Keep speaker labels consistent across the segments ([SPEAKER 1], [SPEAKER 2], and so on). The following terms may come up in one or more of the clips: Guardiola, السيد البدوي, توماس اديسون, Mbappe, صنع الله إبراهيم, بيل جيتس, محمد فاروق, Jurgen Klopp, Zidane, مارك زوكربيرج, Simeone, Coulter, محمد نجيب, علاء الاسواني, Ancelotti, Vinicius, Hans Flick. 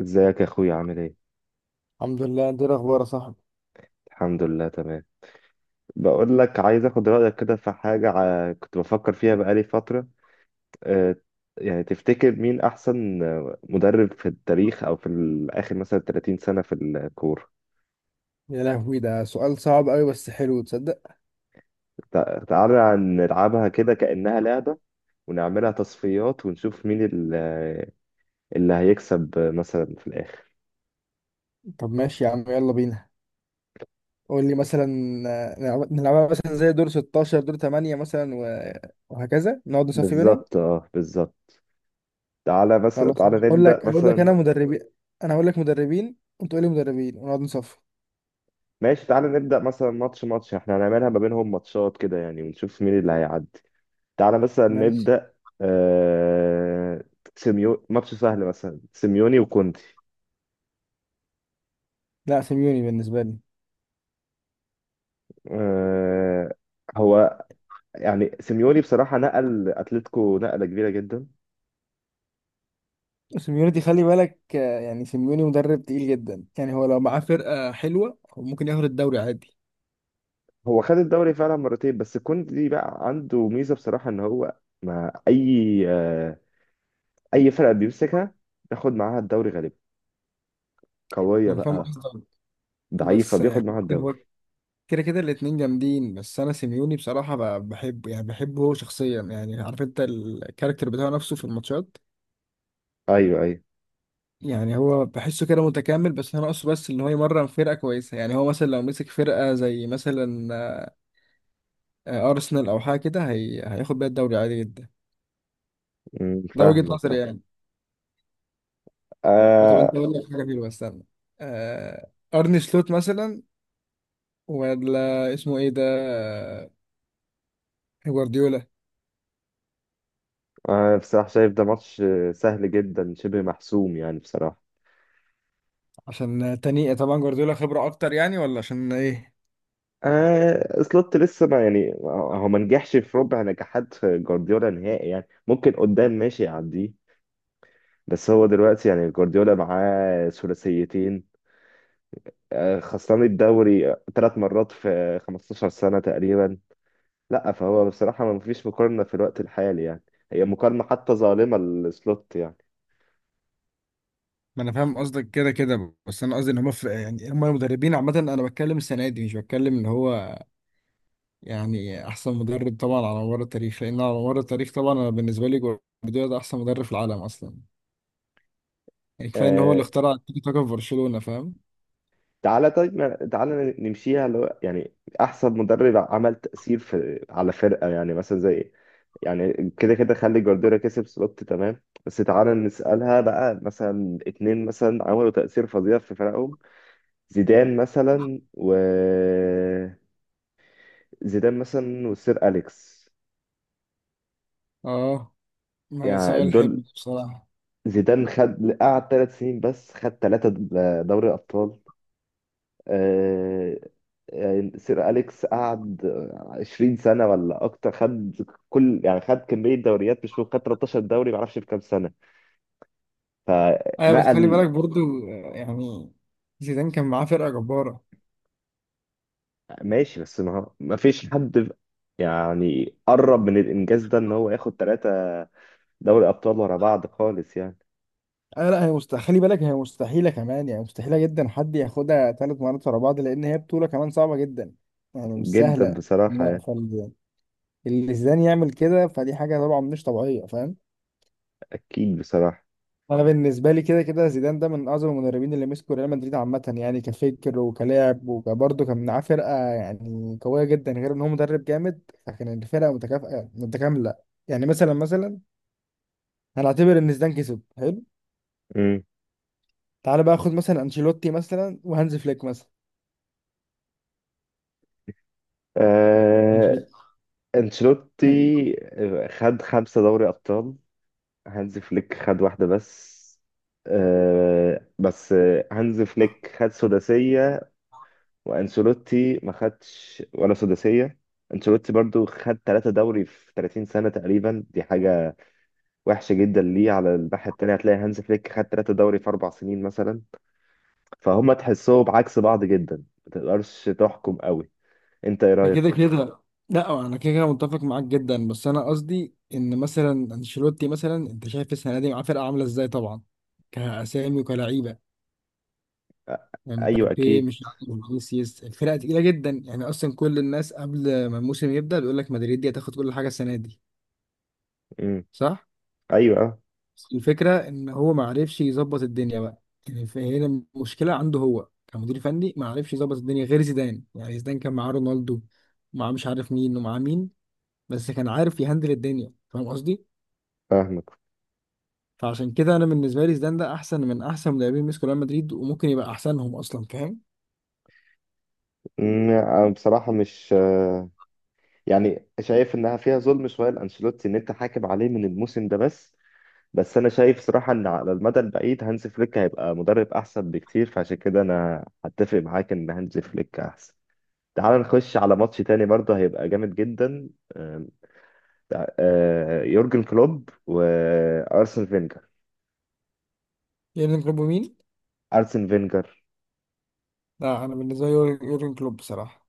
[SPEAKER 1] ازيك يا اخويا، عامل ايه؟
[SPEAKER 2] الحمد لله، انت ايه الاخبار يا صاحبي؟
[SPEAKER 1] الحمد لله، تمام. بقول لك، عايز اخد رايك كده في حاجه كنت بفكر فيها بقالي فتره. آه، يعني تفتكر مين احسن مدرب في التاريخ او في اخر، مثلا 30 سنه في الكوره.
[SPEAKER 2] يا لهوي، ده سؤال صعب قوي بس حلو، تصدق.
[SPEAKER 1] تعالى نلعبها كده كانها لعبه، ونعملها تصفيات ونشوف مين اللي هيكسب مثلا في الاخر.
[SPEAKER 2] طب ماشي يا عم، يلا بينا. قول لي مثلا. نلعبها مثلا زي دور 16، دور 8 مثلا، وهكذا نقعد نصفي بينهم.
[SPEAKER 1] بالظبط، اه بالظبط. تعالى مثلا،
[SPEAKER 2] خلاص.
[SPEAKER 1] تعالى
[SPEAKER 2] اقول
[SPEAKER 1] نبدا
[SPEAKER 2] لك اقول لك
[SPEAKER 1] مثلا.
[SPEAKER 2] انا مدربين، انا اقول لك مدربين وانت تقول لي مدربين ونقعد نصفي.
[SPEAKER 1] ماشي، تعالى نبدأ مثلا ماتش ماتش، احنا هنعملها ما بينهم ماتشات كده يعني، ونشوف مين اللي هيعدي. تعالى مثلا
[SPEAKER 2] ماشي.
[SPEAKER 1] نبدأ. آه... سيميو ماتش سهل مثلا، سيميوني وكونتي.
[SPEAKER 2] لا، سيميوني بالنسبه لي.
[SPEAKER 1] آه... هو يعني سيميوني بصراحة نقل أتلتيكو نقلة كبيرة جدا.
[SPEAKER 2] سيميوني دي خلي بالك، يعني سيميوني مدرب تقيل جدا، يعني هو لو معاه فرقه حلوه هو ممكن ياخد الدوري عادي.
[SPEAKER 1] هو خد الدوري فعلا مرتين، بس كونتي بقى عنده ميزة بصراحة، إن هو مع أي أي فرقة بيمسكها بياخد معاها الدوري غالبا. قوية
[SPEAKER 2] ما انا فاهم
[SPEAKER 1] بقى،
[SPEAKER 2] قصدك،
[SPEAKER 1] ضعيفة
[SPEAKER 2] بس
[SPEAKER 1] بياخد
[SPEAKER 2] يعني
[SPEAKER 1] معاها الدوري.
[SPEAKER 2] كده كده الاتنين جامدين، بس انا سيميوني بصراحه بحبه، يعني بحبه هو شخصيا، يعني عارف انت الكاركتر بتاعه نفسه في الماتشات.
[SPEAKER 1] أيوه أيوه.
[SPEAKER 2] يعني هو بحسه كده متكامل، بس هو ناقصه بس ان هو يمرن فرقه كويسه. يعني هو مثلا لو مسك فرقه زي مثلا ارسنال او حاجه كده، هياخد بيها الدوري عادي جدا. ده وجهه
[SPEAKER 1] فاهمك،
[SPEAKER 2] نظري
[SPEAKER 1] أه.
[SPEAKER 2] يعني. وطب انت،
[SPEAKER 1] آه.
[SPEAKER 2] اقول لك حاجه حلوه، استنى. ارني سلوت مثلا، ولا اسمه ايه ده، جوارديولا.
[SPEAKER 1] أنا بصراحة شايف ده ماتش سهل جدا، شبه محسوم يعني بصراحة.
[SPEAKER 2] عشان تاني طبعا جوارديولا خبره اكتر يعني، ولا عشان ايه؟
[SPEAKER 1] آه، سلوت لسه ما يعني هو ما نجحش في ربع نجاحات جوارديولا نهائي، يعني ممكن قدام ماشي يعديه. بس هو دلوقتي يعني جوارديولا معاه ثلاثيتين، آه، خسران الدوري 3 مرات في 15 سنة تقريبا. لا، فهو بصراحة ما فيش مقارنة في الوقت الحالي يعني، هي مقارنة حتى ظالمة لسلوت يعني.
[SPEAKER 2] ما انا فاهم قصدك، كده كده، بس انا قصدي ان هم في، يعني هم المدربين عامه، انا بتكلم السنه دي مش بتكلم ان هو يعني احسن مدرب طبعا على مر التاريخ. لان على مر التاريخ طبعا انا بالنسبه لي جوارديولا ده احسن مدرب في العالم اصلا. يعني كفايه ان هو
[SPEAKER 1] آه،
[SPEAKER 2] اللي اخترع التيكي تاكا في برشلونه، فاهم.
[SPEAKER 1] تعالى طيب تعالى نمشيها، اللي هو يعني احسن مدرب عمل تأثير في على فرقة، يعني مثلا زي، يعني كده كده خلي جوارديولا كسب سلوت تمام، بس تعالى نسألها بقى، مثلا اتنين مثلا عملوا تأثير فظيع في فرقهم. زيدان مثلا و زيدان مثلا والسير أليكس.
[SPEAKER 2] اه، ما هي
[SPEAKER 1] يعني
[SPEAKER 2] سؤال
[SPEAKER 1] دول
[SPEAKER 2] حلو بصراحه.
[SPEAKER 1] زيدان خد، قعد 3 سنين بس خد 3 دوري أبطال. آه، يعني سير أليكس قعد 20 سنة ولا أكتر، خد كل يعني خد كمية دوريات، مش ممكن خد 13 دوري ما أعرفش في كام سنة.
[SPEAKER 2] ايوه، بس خلي
[SPEAKER 1] فنقل،
[SPEAKER 2] بالك برضو، يعني زيدان كان معاه فرقه جباره.
[SPEAKER 1] ماشي. بس ما ما فيش حد يعني قرب من الإنجاز ده، إن هو ياخد 3 دوري أبطال ورا بعض خالص يعني.
[SPEAKER 2] آه لا، هي مستحيل، خلي بالك، هي مستحيلة كمان، يعني مستحيلة جدا حد ياخدها ثلاث مرات ورا بعض، لأن هي بطولة كمان صعبة جدا، يعني مش
[SPEAKER 1] جدا
[SPEAKER 2] سهلة.
[SPEAKER 1] بصراحة
[SPEAKER 2] لا،
[SPEAKER 1] يعني.
[SPEAKER 2] فاللي زيدان يعمل كده فدي حاجة طبعا مش طبيعية، فاهم.
[SPEAKER 1] أكيد بصراحة.
[SPEAKER 2] أنا بالنسبة لي كده كده زيدان ده من أعظم المدربين اللي مسكوا ريال مدريد عامة، يعني كفكر وكلاعب وكبرضه كان معاه فرقة يعني قوية جدا، غير إن هو مدرب جامد، فكان الفرقة متكافئة متكاملة. يعني مثلا، مثلا هنعتبر إن زيدان كسب. حلو.
[SPEAKER 1] مم.
[SPEAKER 2] تعالى بقى خد مثلا أنشيلوتي مثلا وهانز فليك مثلا.
[SPEAKER 1] آه،
[SPEAKER 2] أنشيلوتي.
[SPEAKER 1] أنشيلوتي خد 5 دوري أبطال، هانز فليك خد واحدة بس. آه بس آه، هانز فليك خد سداسية، وأنشيلوتي ما خدش ولا سداسية. أنشيلوتي برضو خد 3 دوري في 30 سنة تقريبا، دي حاجة وحشة جدا. ليه؟ على الناحية التانية هتلاقي هانز فليك خد 3 دوري في 4 سنين مثلا. فهم تحسهم عكس بعض جدا، ما تقدرش تحكم قوي. أنت إيه
[SPEAKER 2] ده كده
[SPEAKER 1] رأيك؟
[SPEAKER 2] كده، لا انا كده كده متفق معاك جدا، بس انا قصدي ان مثلا انشيلوتي، مثلا انت شايف السنه دي معاه فرقه عامله ازاي طبعا، كاسامي وكلعيبه.
[SPEAKER 1] آه.
[SPEAKER 2] يعني
[SPEAKER 1] أيوه
[SPEAKER 2] مبابي،
[SPEAKER 1] أكيد.
[SPEAKER 2] مش عارف فينيسيوس، الفرقه تقيله جدا يعني، اصلا كل الناس قبل ما الموسم يبدا بيقول لك مدريد دي هتاخد كل حاجه السنه دي.
[SPEAKER 1] مم.
[SPEAKER 2] صح.
[SPEAKER 1] أيوه، آه.
[SPEAKER 2] بس الفكره ان هو ما عرفش يظبط الدنيا بقى، يعني فهنا المشكله عنده هو كمدير فني ما عرفش يظبط الدنيا غير زيدان. يعني زيدان كان معاه رونالدو ومعاه مش عارف مين ومعاه مين، بس كان عارف يهندل الدنيا، فاهم قصدي.
[SPEAKER 1] فاهمك.
[SPEAKER 2] فعشان كده انا بالنسبه لي زيدان ده احسن من احسن مدربين مسكوا ريال مدريد، وممكن يبقى احسنهم اصلا، فاهم.
[SPEAKER 1] مم، آه، بصراحة مش آه، يعني شايف انها فيها ظلم شويه لانشيلوتي ان انت حاكم عليه من الموسم ده بس. بس انا شايف صراحه ان على المدى البعيد هانز فليك هيبقى مدرب احسن بكتير، فعشان كده انا هتفق معاك ان هانز فليك احسن. تعال نخش على ماتش تاني برضه هيبقى جامد جدا. آم، تع- آه، يورجن كلوب وارسن فينجر.
[SPEAKER 2] يورجن كلوب مين؟
[SPEAKER 1] ارسن فينجر.
[SPEAKER 2] لا انا بالنسبه لي يورجن كلوب بصراحه.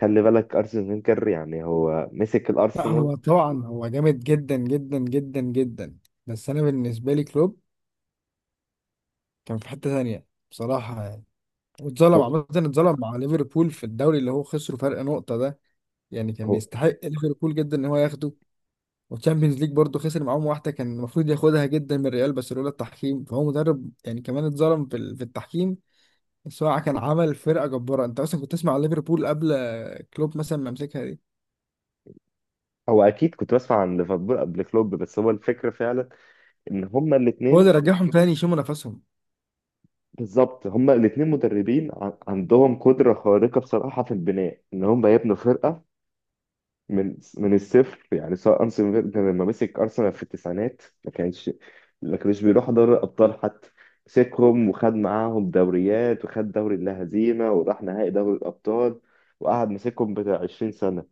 [SPEAKER 1] خلي بالك ارسن فينجر يعني هو مسك
[SPEAKER 2] لا
[SPEAKER 1] الارسنال.
[SPEAKER 2] هو طبعا هو جامد جدا جدا جدا جدا، بس انا بالنسبه لي كلوب كان في حته ثانيه بصراحه يعني. واتظلم
[SPEAKER 1] هو
[SPEAKER 2] عامه، اتظلم مع ليفربول في الدوري اللي هو خسره فرق نقطه ده. يعني كان
[SPEAKER 1] هو
[SPEAKER 2] يستحق ليفربول جدا ان هو ياخده. والتشامبيونز ليج برضه خسر معاهم واحده كان المفروض ياخدها جدا من ريال، بس لولا التحكيم، فهو مدرب يعني كمان اتظلم في في التحكيم. بس هو كان عمل فرقه جباره. انت اصلا كنت تسمع عن ليفربول قبل كلوب مثلا، ما يمسكها دي.
[SPEAKER 1] هو اكيد كنت بسمع عن ليفربول قبل كلوب، بس هو الفكره فعلا ان هما
[SPEAKER 2] هو
[SPEAKER 1] الاثنين.
[SPEAKER 2] اللي رجعهم تاني يشموا نفسهم.
[SPEAKER 1] بالظبط، هما الاتنين مدربين عندهم قدرة خارقة بصراحة في البناء، إن هما يبنوا فرقة من الصفر يعني. سواء أرسن فينجر لما مسك أرسنال في التسعينات ما كانش، ما كانش بيروح دوري الأبطال حتى. مسكهم وخد معاهم دوريات وخد دوري اللا هزيمة وراح نهائي دوري الأبطال، وقعد مسكهم بتاع 20 سنة.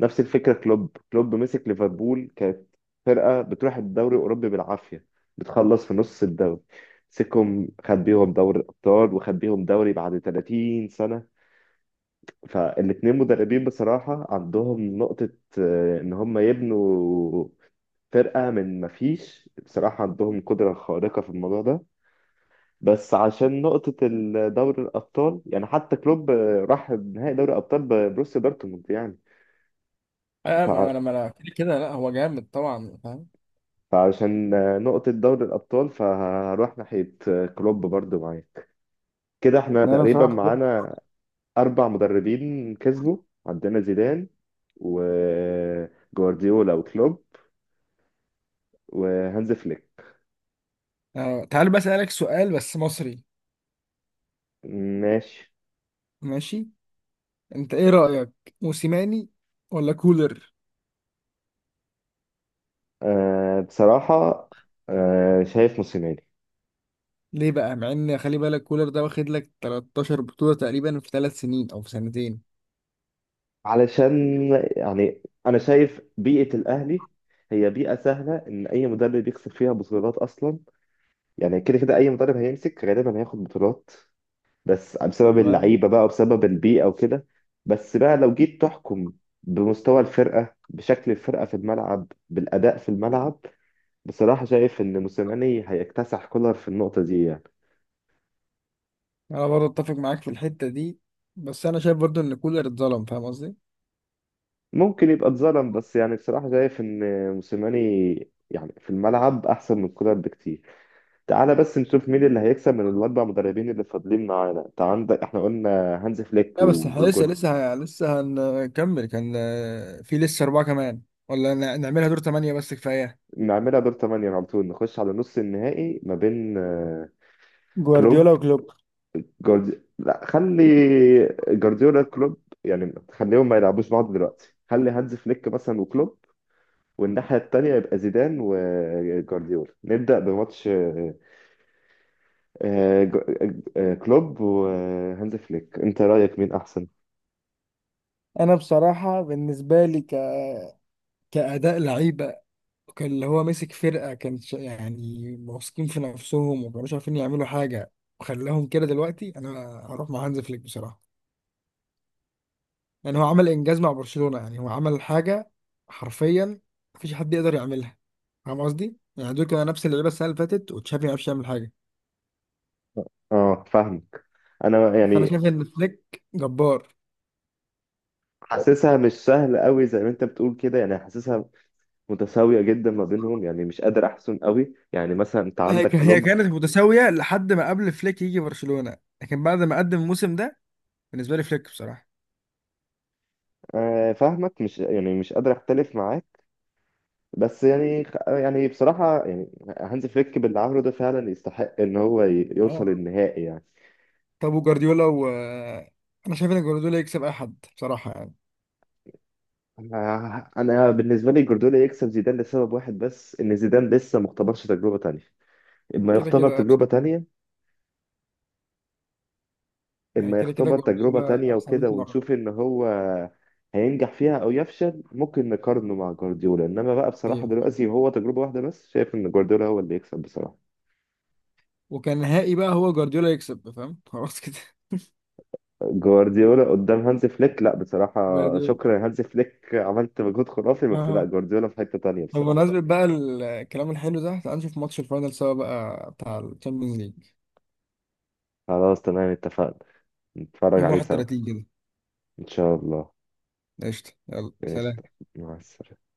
[SPEAKER 1] نفس الفكره، كلوب مسك ليفربول كانت فرقه بتروح الدوري الاوروبي بالعافيه، بتخلص في نص الدوري. مسكهم خد بيهم دوري الابطال وخد بيهم دوري بعد 30 سنه. فالاتنين مدربين بصراحه عندهم نقطه، آه، ان هم يبنوا فرقه من ما فيش، بصراحه عندهم قدره خارقه في الموضوع ده. بس عشان نقطة دوري الأبطال يعني، حتى كلوب آه، راح نهائي دوري الأبطال ببروسيا دورتموند يعني.
[SPEAKER 2] اه، ما انا كده كده، لا هو جامد طبعا، فاهم.
[SPEAKER 1] فعشان آه، نقطة دوري الأبطال فهروح ناحية آه، كلوب برضو معاك. كده احنا
[SPEAKER 2] لا، انا
[SPEAKER 1] تقريبا
[SPEAKER 2] بصراحه كلوب.
[SPEAKER 1] معانا 4 مدربين كسبوا: عندنا زيدان وجوارديولا وكلوب وهانز فليك.
[SPEAKER 2] تعال بقى اسالك سؤال بس مصري.
[SPEAKER 1] ماشي.
[SPEAKER 2] ماشي. انت ايه رأيك؟ موسيماني ولا كولر؟
[SPEAKER 1] أه بصراحة، أه شايف موسيماني.
[SPEAKER 2] ليه بقى، مع ان خلي بالك كولر ده واخد لك 13 بطولة تقريبا في ثلاث سنين او في سنتين.
[SPEAKER 1] علشان يعني أنا شايف بيئة الأهلي هي بيئة سهلة إن أي مدرب يكسب فيها بطولات أصلا. يعني كده كده أي مدرب هيمسك غالبا هياخد بطولات، بس بسبب
[SPEAKER 2] تمام.
[SPEAKER 1] اللعيبه بقى وبسبب البيئه وكده. بس بقى لو جيت تحكم بمستوى الفرقه، بشكل الفرقه في الملعب، بالاداء في الملعب، بصراحه شايف ان موسيماني هيكتسح كولر في النقطه دي يعني.
[SPEAKER 2] انا برضه اتفق معاك في الحته دي، بس انا شايف برضه ان كولر اتظلم، فاهم قصدي.
[SPEAKER 1] ممكن يبقى اتظلم، بس يعني بصراحه شايف ان موسيماني يعني في الملعب احسن من كولر بكتير. تعالى بس نشوف مين اللي هيكسب من الاربع مدربين اللي فاضلين معانا. انت عندك، احنا قلنا هانز فليك
[SPEAKER 2] لا بس احنا لسه
[SPEAKER 1] وجول.
[SPEAKER 2] لسه لسه هنكمل، كان في لسه اربعه كمان، ولا نعملها دور ثمانيه بس كفايه؟
[SPEAKER 1] نعملها دور 8 على طول، نخش على نص النهائي ما بين آه،
[SPEAKER 2] جوارديولا
[SPEAKER 1] كلوب،
[SPEAKER 2] وكلوب.
[SPEAKER 1] جوارديولا، لا خلي جوارديولا كلوب، يعني خليهم ما يلعبوش بعض دلوقتي، خلي هانز فليك مثلا وكلوب، والناحية التانية يبقى زيدان وجوارديولا. نبدأ بماتش آه، آه، كلوب وهانز فليك، انت رأيك مين احسن؟
[SPEAKER 2] انا بصراحه بالنسبه لي كأداء لعيبة، كان اللي هو ماسك فرقة كان يعني واثقين في نفسهم وما كانوش عارفين يعملوا حاجة، وخلاهم كده. دلوقتي أنا هروح مع هانز فليك بصراحة. يعني هو عمل انجاز مع برشلونة، يعني هو عمل حاجة حرفيا مفيش حد يقدر يعملها، فاهم قصدي؟ يعني دول كانوا نفس اللعيبة السنة اللي فاتت وتشافي ما عرفش يعمل حاجة،
[SPEAKER 1] اه فاهمك. انا
[SPEAKER 2] فأنا
[SPEAKER 1] يعني
[SPEAKER 2] شايف إن فليك جبار.
[SPEAKER 1] حاسسها مش سهل قوي زي ما انت بتقول كده يعني، حاسسها متساوية جدا ما بينهم، يعني مش قادر احسن قوي، يعني مثلا انت
[SPEAKER 2] هي
[SPEAKER 1] عندك
[SPEAKER 2] هي
[SPEAKER 1] كلوب.
[SPEAKER 2] كانت متساوية لحد ما قبل فليك يجي برشلونة، لكن بعد ما قدم الموسم ده بالنسبة لي فليك بصراحة.
[SPEAKER 1] آه، فاهمك، مش يعني مش قادر اختلف معاك. بس يعني، يعني بصراحة يعني هانز فليك باللي عمله ده فعلا يستحق إن هو يوصل
[SPEAKER 2] اه.
[SPEAKER 1] النهائي يعني.
[SPEAKER 2] طب وجارديولا؟ و أنا شايف إن جارديولا يكسب أي حد بصراحة يعني.
[SPEAKER 1] أنا بالنسبة لي جوارديولا يكسب زيدان لسبب واحد بس، إن زيدان لسه ما اختبرش تجربة تانية. إما
[SPEAKER 2] كده
[SPEAKER 1] يختبر
[SPEAKER 2] كده
[SPEAKER 1] تجربة
[SPEAKER 2] بصراحة.
[SPEAKER 1] تانية
[SPEAKER 2] يعني
[SPEAKER 1] إما
[SPEAKER 2] كده كده
[SPEAKER 1] يختبر تجربة
[SPEAKER 2] جارديولا
[SPEAKER 1] تانية
[SPEAKER 2] أحسن 100
[SPEAKER 1] وكده،
[SPEAKER 2] مرة.
[SPEAKER 1] ونشوف إن هو هينجح فيها أو يفشل ممكن نقارنه مع جوارديولا. إنما بقى بصراحة
[SPEAKER 2] أيوه فاهم.
[SPEAKER 1] دلوقتي هو تجربة واحدة بس، شايف إن جوارديولا هو اللي يكسب بصراحة.
[SPEAKER 2] وكان نهائي بقى هو جارديولا يكسب، فاهم، خلاص كده.
[SPEAKER 1] جوارديولا قدام هانز فليك، لا بصراحة
[SPEAKER 2] جارديولا.
[SPEAKER 1] شكرا يا هانز فليك عملت مجهود خرافي، بس لا
[SPEAKER 2] اه.
[SPEAKER 1] جوارديولا في حتة تانية
[SPEAKER 2] طب
[SPEAKER 1] بصراحة.
[SPEAKER 2] بمناسبة بقى الكلام الحلو ده، تعال نشوف ماتش الفاينل سوا بقى بتاع الشامبيونز ليج.
[SPEAKER 1] خلاص تمام، اتفقنا. نتفرج
[SPEAKER 2] يوم
[SPEAKER 1] عليه سوا
[SPEAKER 2] 31 كده.
[SPEAKER 1] إن شاء الله.
[SPEAKER 2] قشطة، يلا
[SPEAKER 1] ماشي،
[SPEAKER 2] سلام.
[SPEAKER 1] مع السلامة.